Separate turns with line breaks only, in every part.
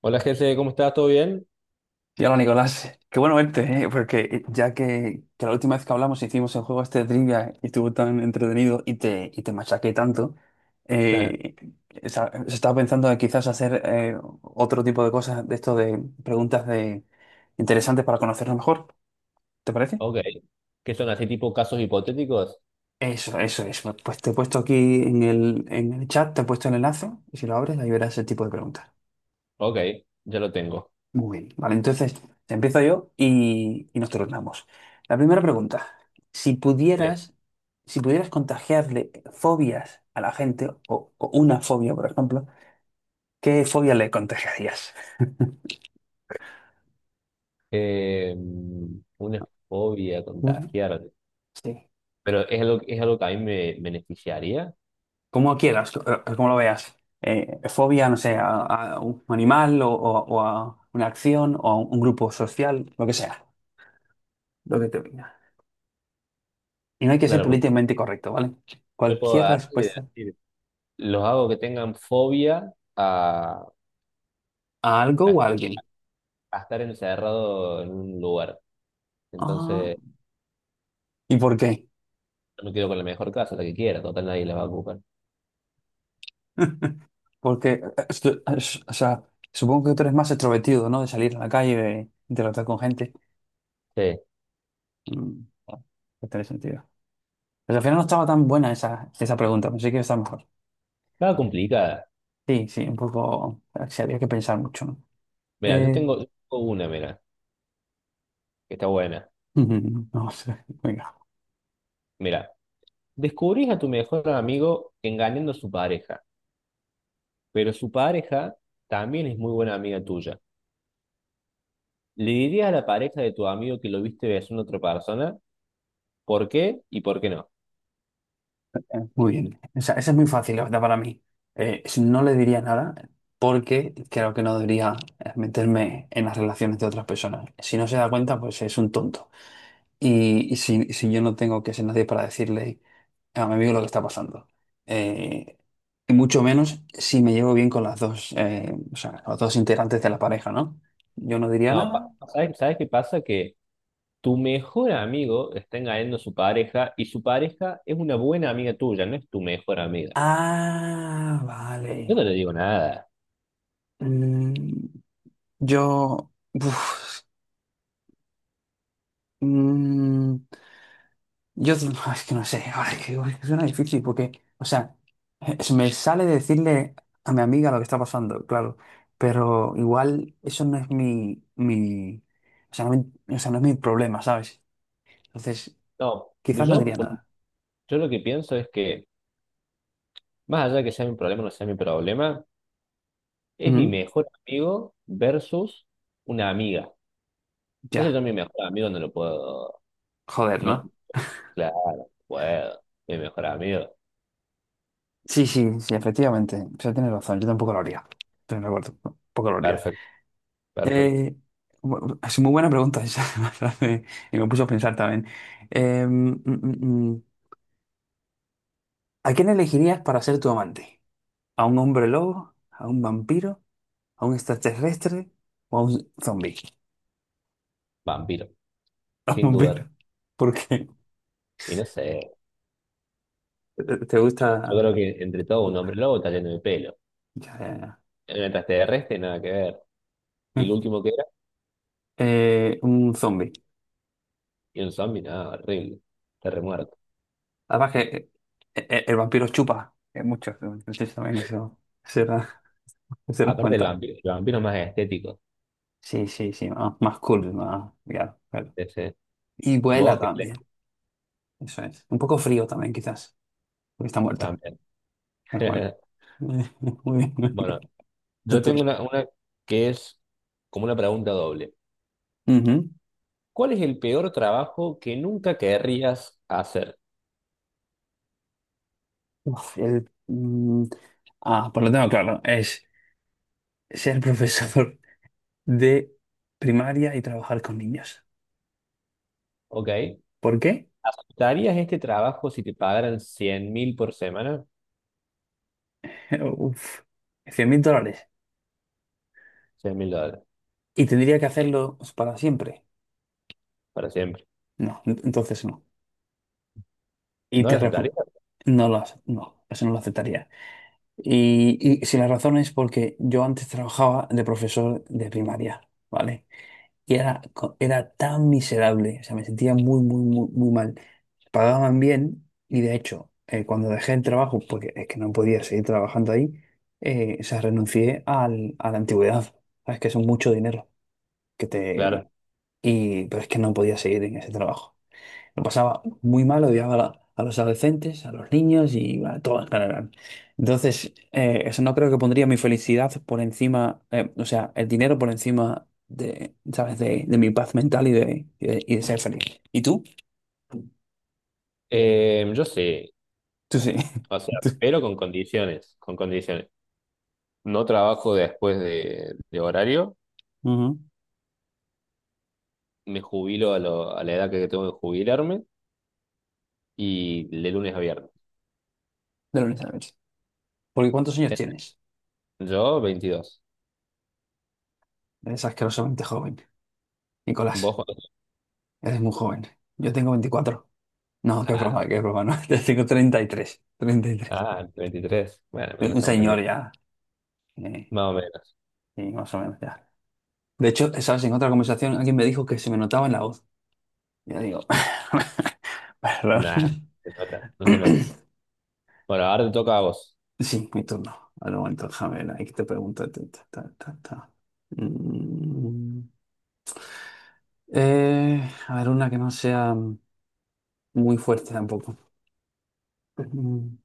Hola, Jesse, ¿cómo estás? ¿Todo bien?
Y hola Nicolás, qué bueno verte, ¿eh? Porque ya que la última vez que hablamos hicimos el juego este de trivia y estuvo tan entretenido y te machaqué tanto, eh, se estaba pensando de quizás hacer otro tipo de cosas de esto de preguntas de interesantes para conocernos mejor, ¿te parece?
Ok. ¿Qué son así tipo casos hipotéticos?
Eso, eso, eso. Pues te he puesto aquí en el chat, te he puesto el enlace y si lo abres ahí verás ese tipo de preguntas.
Ok, ya lo tengo.
Muy bien, vale, entonces empiezo yo y nos turnamos. La primera pregunta, si
Sí.
pudieras, si pudieras contagiarle fobias a la gente, o una fobia, por ejemplo, ¿qué fobia le contagiarías?
Eh, una fobia
Mm.
contagiar.
Sí.
Pero es algo que a mí me beneficiaría.
Como quieras, como lo veas. Fobia, no sé, a un animal, o a una acción o a un grupo social, lo que sea, lo que te venga. Y no hay que ser
Claro, porque
políticamente correcto, ¿vale?
yo puedo
Cualquier
agarrar y
respuesta
decir, los hago que tengan fobia
a algo
a-
o a alguien.
a estar encerrado en un lugar.
Ah,
Entonces,
¿y por qué?
yo me quedo con la mejor casa, la que quiera, total nadie la va a ocupar.
Porque, o sea, supongo que tú eres más extrovertido, ¿no? De salir a la calle, de interactuar con gente.
Sí.
Mm, que tiene sentido. Pero al final no estaba tan buena esa, esa pregunta, pensé que iba a estar mejor.
Estaba complicada.
Sí, sí, un poco, sí, había que pensar mucho, ¿no?
Mira, yo
Eh,
tengo, yo tengo una, mira, que está buena.
no sé, venga.
Mira. Descubrís a tu mejor amigo engañando a su pareja, pero su pareja también es muy buena amiga tuya. ¿Le dirías a la pareja de tu amigo que lo viste besando a otra persona? ¿Por qué y por qué no?
Muy bien. O sea, esa es muy fácil, la verdad, para mí. Si no le diría nada porque creo que no debería, meterme en las relaciones de otras personas. Si no se da cuenta, pues es un tonto. Y si yo no tengo que ser nadie para decirle a mi amigo lo que está pasando. Eh, y mucho menos si me llevo bien con las dos, o sea, los dos integrantes de la pareja, ¿no? Yo no diría
No,
nada.
¿sabes qué pasa? Que tu mejor amigo está engañando a su pareja y su pareja es una buena amiga tuya, no es tu mejor amiga.
Ah,
Yo no
vale.
le digo nada.
Mm, yo. uf, mm, Yo, digo, es que no sé, ahora es que suena difícil porque, o sea, me sale decirle a mi amiga lo que está pasando, claro, pero igual eso no es o sea, no, o sea, no es mi problema, ¿sabes? Entonces,
No,
quizás no diría nada.
yo lo que pienso es que, más allá de que sea mi problema o no sea mi problema, es mi
Ujú.
mejor amigo versus una amiga. Entonces
Ya,
yo a mi mejor amigo no lo puedo.
joder,
No,
¿no?
claro, puedo. Mi mejor amigo.
Sí, sí, sí, efectivamente, o sea, tienes razón, yo tampoco lo haría, estoy de acuerdo, tampoco lo haría.
Perfecto, perfecto.
Eh, es muy buena pregunta esa, me hace- y me puso a pensar también. Em, mm, mm, mm. ¿A quién elegirías para ser tu amante? ¿A un hombre lobo? ¿A un vampiro? ¿A un extraterrestre? ¿O a un zombie?
Vampiro,
A un
sin dudar.
vampiro. ¿Por qué?
Y no sé,
¿Te
yo
gusta?
creo que entre todo un hombre lobo está lleno de pelo.
Ya, ya,
En el extraterrestre nada que ver.
ya.
Y el último que era,
Un zombie.
y un zombie, nada, horrible. Está remuerto.
Además que el vampiro chupa mucho. Entonces también eso será, será una
Aparte el
ventaja.
vampiro, el vampiro más estético.
Sí, sí, sí. Más, más cool. Más, ya, claro.
Ese.
Y vuela
Vos que
también.
te-
Eso es. Un poco frío también, quizás. Porque está muerto.
también.
Pero bueno. Muy bien.
Bueno,
Tu
yo tengo
turno.
una que es como una pregunta doble.
Ujú.
¿Cuál es el peor trabajo que nunca querrías hacer?
Uf, el, mm, ah, Pues lo tengo claro, es ser profesor de primaria y trabajar con niños.
¿Ok?
¿Por qué?
¿Aceptarías este trabajo si te pagaran 100.000 por semana?
Uf, 100 mil dólares.
$100.000,
¿Y tendría que hacerlo para siempre?
para siempre.
No, entonces no. Y
¿No lo
te
aceptarías?
refu- no lo, hace- No, eso no lo aceptaría. Y si la razón es porque yo antes trabajaba de profesor de primaria, ¿vale? Y era tan miserable, o sea, me sentía muy, muy, muy, muy mal. Pagaban bien y de hecho, cuando dejé el trabajo, porque es que no podía seguir trabajando ahí, o sea, renuncié a la antigüedad. Sabes que es mucho dinero que te...
Claro.
Pero es que no podía seguir en ese trabajo. Lo pasaba muy mal, odiaba a los adolescentes, a los niños y bueno, a todo en general. Entonces, eso no creo que pondría mi felicidad por encima, o sea, el dinero por encima de, ¿sabes? De mi paz mental y de ser feliz. ¿Y tú?
Yo sí,
Tú sí.
o sea,
Tú.
pero con condiciones, con condiciones. No trabajo después de horario,
Ujú.
me jubilo a la edad que tengo que jubilarme y de lunes a viernes.
De lunes a noche. Porque ¿cuántos años tienes?
Yo 22.
Eres asquerosamente joven,
¿Vos
Nicolás.
cuántos?
Eres muy joven. Yo tengo 24. No,
Ah, bueno.
qué broma, no. Yo tengo treinta y tres.
Ah, 23. Bueno, no
Un
estamos tan
señor
lejos.
ya. eh,
Más o menos.
sí, más o menos ya. De hecho, sabes, en otra conversación alguien me dijo que se me notaba en la voz. Ya digo, perdón.
Nah, no se nota, no se nota. Bueno, ahora te toca a vos.
Sí, mi turno. Al momento, déjame ver, ahí te pregunto. Ta, ta, ta, ta, ta. Mm, eh, a ver, una que no sea muy fuerte tampoco. Mm,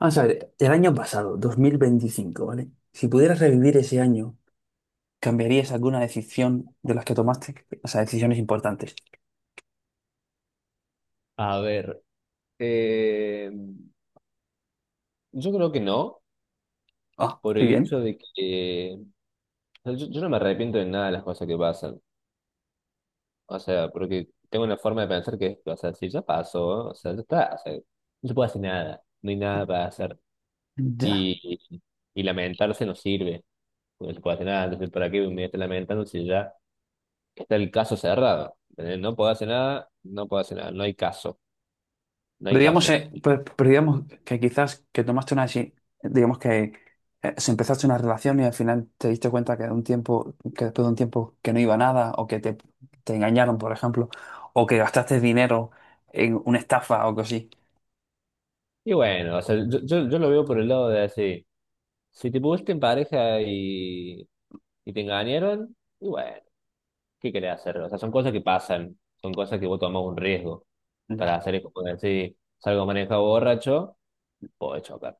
Vamos a ver, el año pasado, 2025, ¿vale? Si pudieras revivir ese año, ¿cambiarías alguna decisión de las que tomaste? O sea, decisiones importantes.
A ver, yo creo que no,
Ah,
por
qué
el
bien.
hecho de que o sea, yo no me arrepiento de nada de las cosas que pasan. O sea, porque tengo una forma de pensar que, es, o sea, si ya pasó, o sea, ya está, o sea, no se puede hacer nada, no hay nada para hacer.
Ya.
Y, y lamentarse no sirve, porque no se puede hacer nada, entonces, ¿para qué me estoy lamentando si ya está el caso cerrado? ¿Entendés? No puedo hacer nada, no puedo hacer nada, no hay caso, no hay
Pero digamos,
caso.
pero digamos que quizás que tomaste digamos que se empezaste una relación y al final te diste cuenta que de un tiempo, que después de un tiempo que no iba a nada, o que te engañaron, por ejemplo, o que gastaste dinero en una estafa o algo así.
Y bueno, o sea, yo lo veo por el lado de así. Si te pusiste en pareja y te engañaron, y bueno, ¿qué querés hacer? O sea, son cosas que pasan, son cosas que vos tomás un riesgo para
Ya,
hacer, es como decir, salgo manejado borracho, puedo chocar,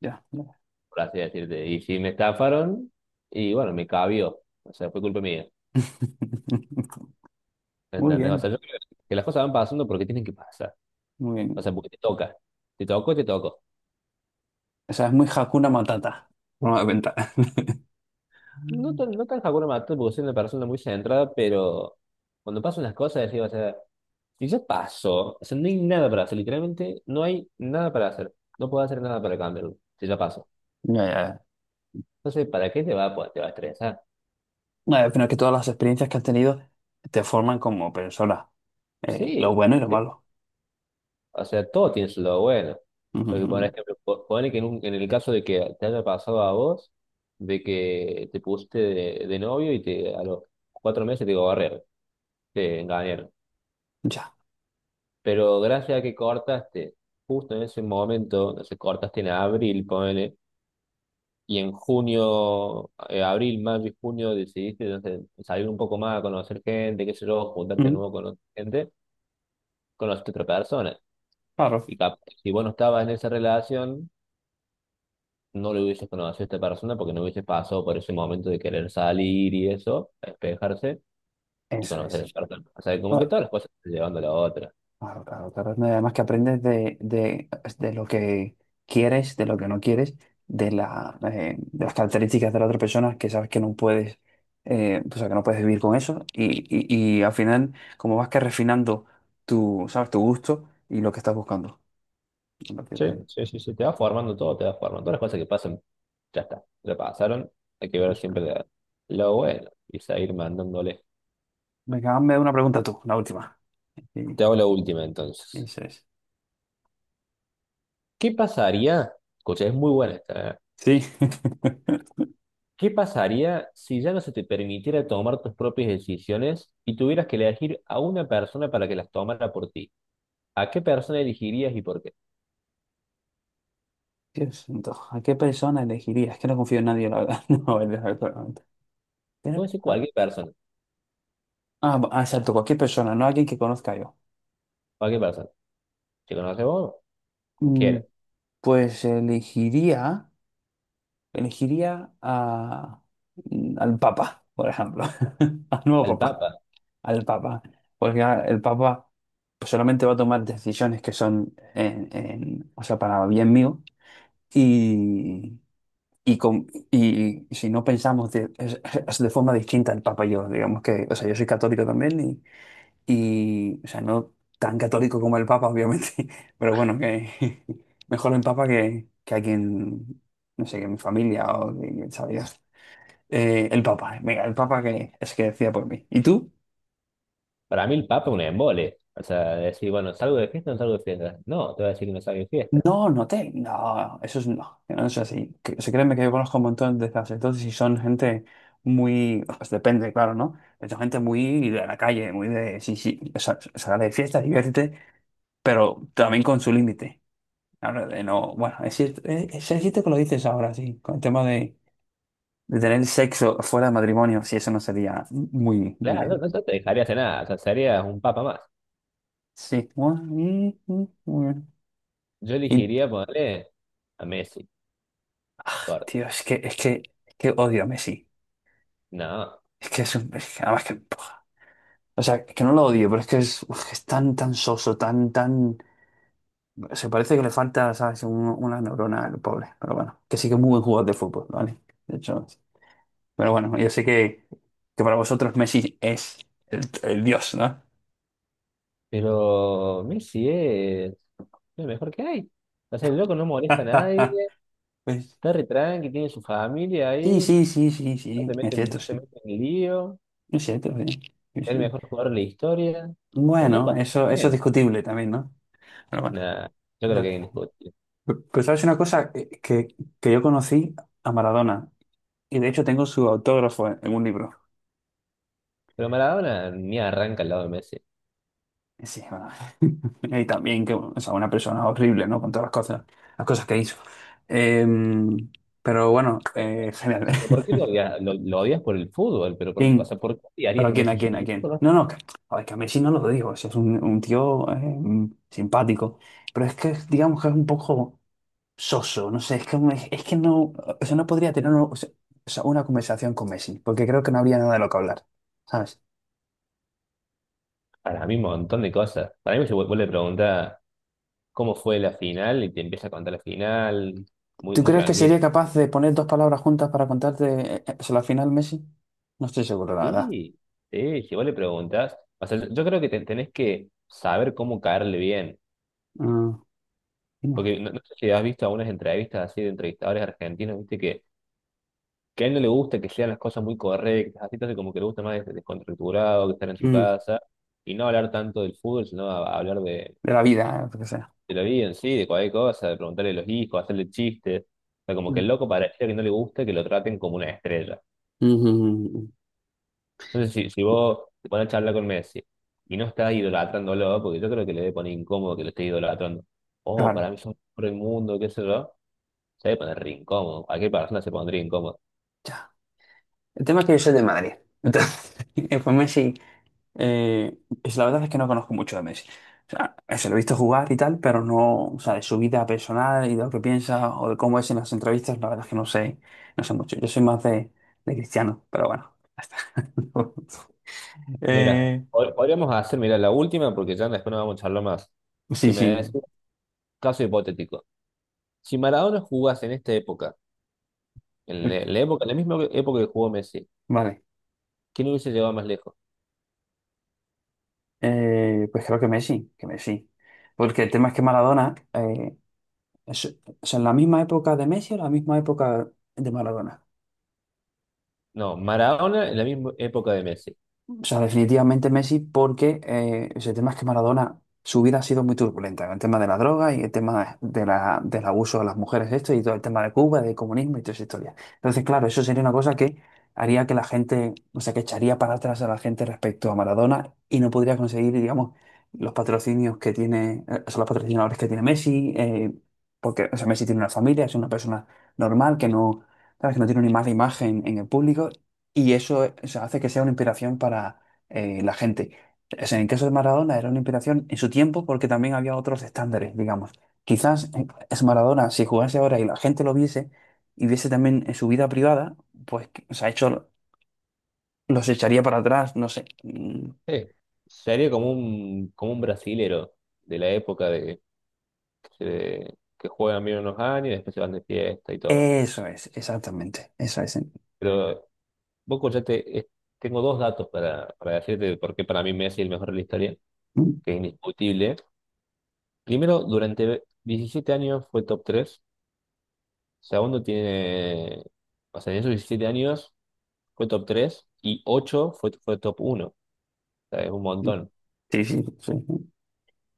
ya, ya.
por así decirte. Y si me estafaron, y bueno, me cabió, o sea, fue culpa mía,
Muy
¿entendés? O sea,
bien,
yo creo que las cosas van pasando porque tienen que pasar,
muy
o
bien.
sea, porque te toca, te tocó, te tocó.
O sea, es muy Hakuna Matata, por una cuenta.
No tan, no tan Hakuna Matata porque soy una persona muy centrada, pero cuando pasan las cosas, decís, o sea, y ya pasó. O sea, no hay nada para hacer. Literalmente no hay nada para hacer. No puedo hacer nada para cambiarlo. Si ya pasó.
Ya, ya,
Entonces, ¿para qué te va a estresar?
ya. Pero es que todas las experiencias que has tenido te forman como persona, lo
Sí,
bueno y lo
sí.
malo.
O sea, todo tiene su lado bueno.
Ujú,
Porque, por
ujú.
ejemplo, ponele que en el caso de que te haya pasado a vos, de que te pusiste de novio y a los 4 meses te engañaron.
Ya.
Pero gracias a que cortaste justo en ese momento, no sé, cortaste en abril, ponele y en junio, abril, mayo y junio decidiste no sé, salir un poco más a conocer gente, qué sé yo, juntarte de
Mm,
nuevo con otra gente, conociste otra persona.
claro.
Y capaz, si vos no estabas en esa relación, no le hubieses conocido a esta persona porque no hubieses pasado por ese momento de querer salir y eso, despejarse y
Eso
conocer
es.
a esta persona. O sea, como que
Ah,
todas las cosas te van llevando a la otra.
claro, claro, claro. No, y además que aprendes de lo que quieres, de lo que no quieres, de las características de la otra persona que sabes que no puedes, o sea, que no puedes vivir con eso. Y al final, como vas que refinando tu, ¿sabes? Tu gusto y lo que estás buscando. A partir
Sí,
ahí.
sí, sí, sí, te va formando todo, te va formando. Todas las cosas que pasan, ya está, ya pasaron. Hay que ver siempre lo bueno y seguir mandándole.
Venga, hazme una pregunta tú, la última. Sí,
Te hago la última entonces.
eso es.
¿Qué pasaría? Escucha, es muy buena esta. ¿Eh?
Sí.
¿Qué pasaría si ya no se te permitiera tomar tus propias decisiones y tuvieras que elegir a una persona para que las tomara por ti? ¿A qué persona elegirías y por qué?
Dios santo, ¿a qué persona elegirías? Es que no confío en nadie, la verdad. No, es verdad. Pero
Puede ser
hay-
cualquier persona,
Ah, ah, exacto, cualquier persona, no alguien que conozca yo.
cualquier persona. Si conoces vos, como quieras.
Mm, Pues elegiría al Papa, por ejemplo, al nuevo
Al
Papa,
Papa.
al Papa, porque ah, el Papa pues, solamente va a tomar decisiones que son, o sea, para bien mío y, y, con- y si no pensamos es de forma distinta el Papa y yo, digamos que, o sea, yo soy católico también. Y, o sea, no tan católico como el Papa, obviamente, pero bueno, que mejor el Papa que alguien, no sé, que mi familia o que sabe Dios. El Papa, venga, el Papa que es que decía por mí. ¿Y tú?
Para mí el Papa es un embole. O sea, decir, bueno, ¿salgo de fiesta o no salgo de fiesta? No, te voy a decir que no salgo de fiesta.
No, no te, no, eso es no, no es así. Que, o sea, créeme que yo conozco un montón de esas, entonces y son gente muy, pues depende, claro, ¿no? Pero son gente muy de la calle, muy de, sí, sí, o sea, sal de fiesta, diviértete, pero también con su límite. Ahora, de no, bueno, es cierto que lo dices ahora, sí, con el tema de tener sexo fuera del matrimonio, sí, eso no sería muy, muy
Claro, no,
bien.
no no te dejaría hacer nada. O sea, serías un Papa más.
Sí, bueno, muy bien.
Yo
Y,
elegiría ponerle a Messi. por-
tío, es que odio a Messi.
No,
Es que es un, es que además que, puf. O sea, que no lo odio, pero es que es, que es tan, tan soso, tan, tan, se parece que le falta, ¿sabes? Una neurona al pobre, pero bueno, que sí que es muy buen jugador de fútbol, ¿vale? De hecho, sí. Pero bueno, yo sé que para vosotros Messi es el dios, ¿no?
pero Messi es lo mejor que hay. O sea, el loco no molesta a nadie,
Pues
está re tranqui, tiene su familia
sí,
ahí,
sí, sí, sí,
no
sí,
te
es
meten,
cierto,
no se
sí.
meten en lío,
Es cierto, sí. Sí,
es el
sí.
mejor jugador de la historia. O sea, el loco
Bueno,
hace todo
eso es
bien.
discutible también, ¿no? Pero bueno.
Nah, yo creo
Ya.
que es indiscutible.
Pero sabes una cosa que yo conocí a Maradona y de hecho tengo su autógrafo en un libro.
Pero Maradona ni arranca al lado de Messi.
Sí, bueno. Y también que, o sea, una persona horrible, ¿no? Con todas las cosas que hizo. Em, pero bueno,
Pero,
genial.
pero ¿por qué lo odias? Lo odias por el fútbol, pero por, o sea, ¿por qué
¿Pero
odiarías
a
a
quién, a
Messi?
quién, a quién? No, no, que, a ver, que a Messi no lo digo, si es un tío, simpático, pero es que digamos que es un poco soso, no sé, es que, es que no, o sea, no podría tener o sea, una conversación con Messi, porque creo que no habría nada de lo que hablar, ¿sabes?
Para mí un montón de cosas. Para mí se vuelve a preguntar cómo fue la final y te empieza a contar la final, muy,
¿Tú
muy
crees que
tranquilo.
sería capaz de poner dos palabras juntas para contarte, o sea, la final, Messi? No estoy seguro, la verdad.
Sí, sí, si vos le preguntás, o sea, yo creo que tenés que saber cómo caerle bien,
Mm,
porque no sé si has visto algunas entrevistas así de entrevistadores argentinos, viste que a él no le gusta que sean las cosas muy correctas, así entonces como que le gusta más descontracturado, que estar en su
mm.
casa, y no hablar tanto del fútbol, sino a hablar de,
De la vida, lo que sea.
de la vida en sí, de cualquier cosa, de preguntarle a los hijos, hacerle chistes, o sea, como que el
Mm,
loco parecía que no le gusta que lo traten como una estrella.
mm, mm, mm, mm.
Entonces, si vos te pones a charlar con Messi y no estás idolatrándolo, porque yo creo que le debe poner incómodo que lo estés idolatrando. Oh,
Claro,
para mí es por el mundo, qué sé yo. Se debe poner re incómodo. Cualquier persona se pondría incómodo.
ya. El tema es que yo soy de Madrid. Entonces, pues Messi. Eh, la verdad es que no conozco mucho de Messi. O sea, se lo he visto jugar y tal, pero no, o sea, de su vida personal y de lo que piensa o de cómo es en las entrevistas, la verdad es que no sé, no sé mucho. Yo soy más de Cristiano, pero bueno, ya está.
Mira,
Eh,
podríamos hacer, mira, la última, porque ya después no vamos a charlar más.
sí,
Que me des
sí.
un caso hipotético. Si Maradona jugase en esta época,
Uy,
en la misma época que jugó Messi,
vale.
¿quién hubiese llegado más lejos?
Pues creo que Messi. Porque el tema es que Maradona, es, o sea, en la misma época de Messi o la misma época de Maradona.
No, Maradona en la misma época de Messi.
O sea, definitivamente Messi porque ese tema es que Maradona, su vida ha sido muy turbulenta, el tema de la droga y el tema de la, del abuso de las mujeres, esto y todo el tema de Cuba, del comunismo y toda esa historia. Entonces, claro, eso sería una cosa que haría que la gente, o sea, que echaría para atrás a la gente respecto a Maradona y no podría conseguir, digamos, los patrocinios que tiene, o sea, los patrocinadores que tiene Messi, porque, o sea, Messi tiene una familia, es una persona normal que no, sabes, que no tiene una mala imagen en el público y eso, o sea, hace que sea una inspiración para la gente. O sea, en el caso de Maradona era una inspiración en su tiempo porque también había otros estándares, digamos. Quizás es Maradona, si jugase ahora y la gente lo viese y viese también en su vida privada, pues o sea, hecho, los echaría para atrás, no sé.
Sí. Sería como un, brasilero de la época que juegan bien unos años y después se van de fiesta y todo.
Eso es, exactamente. Eso es.
Pero Boca ya te, es- tengo dos datos para decirte de por qué para mí Messi es el mejor de la historia,
Mm,
que es indiscutible. Primero, durante 17 años fue top tres. Segundo, tiene, o sea, en esos 17 años fue top 3 y 8 fue top uno. O sea, es un
mm,
montón,
sí, sí, sí, sí.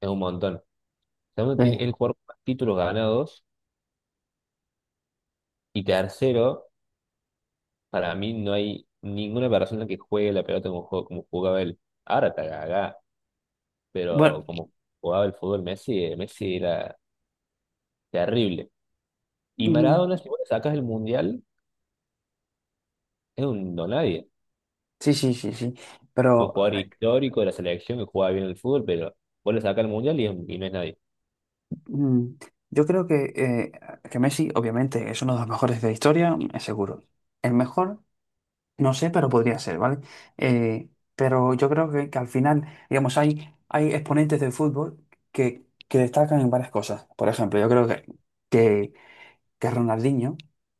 es un montón. Segundo, tiene
Sí.
el jugador con más títulos ganados y tercero. Para mí no hay ninguna persona que juegue la pelota como jugaba él. Ahora está gaga, pero
Bueno,
como jugaba el fútbol Messi, Messi era terrible. Y
mm,
Maradona, si vos le sacas el Mundial, es un no nadie.
sí, sí, sí, sí.
Un
Pero
jugador histórico de la selección que jugaba bien el fútbol, pero vos le sacas el Mundial y no es nadie.
Mm, Yo creo que Messi, obviamente, es uno de los mejores de la historia, es seguro. El mejor, no sé, pero podría ser, ¿vale? Eh, pero yo creo que, al final, digamos, hay exponentes del fútbol que destacan en varias cosas. Por ejemplo, yo creo que, que Ronaldinho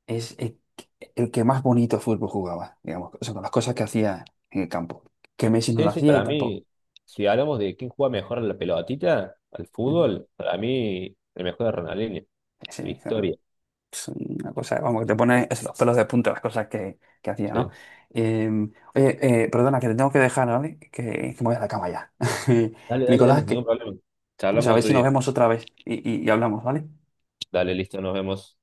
es el que más bonito fútbol jugaba, digamos, o sea, con las cosas que hacía en el campo, que Messi no lo
Sí, sí,
hacía y
para
tampoco.
mí, si hablamos de quién juega mejor a la pelotita, al
Ujú.
fútbol, para mí el mejor es Ronaldinho,
Sí,
la
claro.
historia.
Es una cosa, vamos, que te pone los pelos de punta las cosas que hacía, ¿no?
Sí.
Eh, Oye, perdona, que te tengo que dejar, ¿vale? Que me voy a la cama ya.
Dale, dale,
Nicolás,
dale, ningún
que,
problema.
pues a
Charlamos
ver
otro
si nos
día.
vemos otra vez y hablamos, ¿vale?
Dale, listo, nos vemos.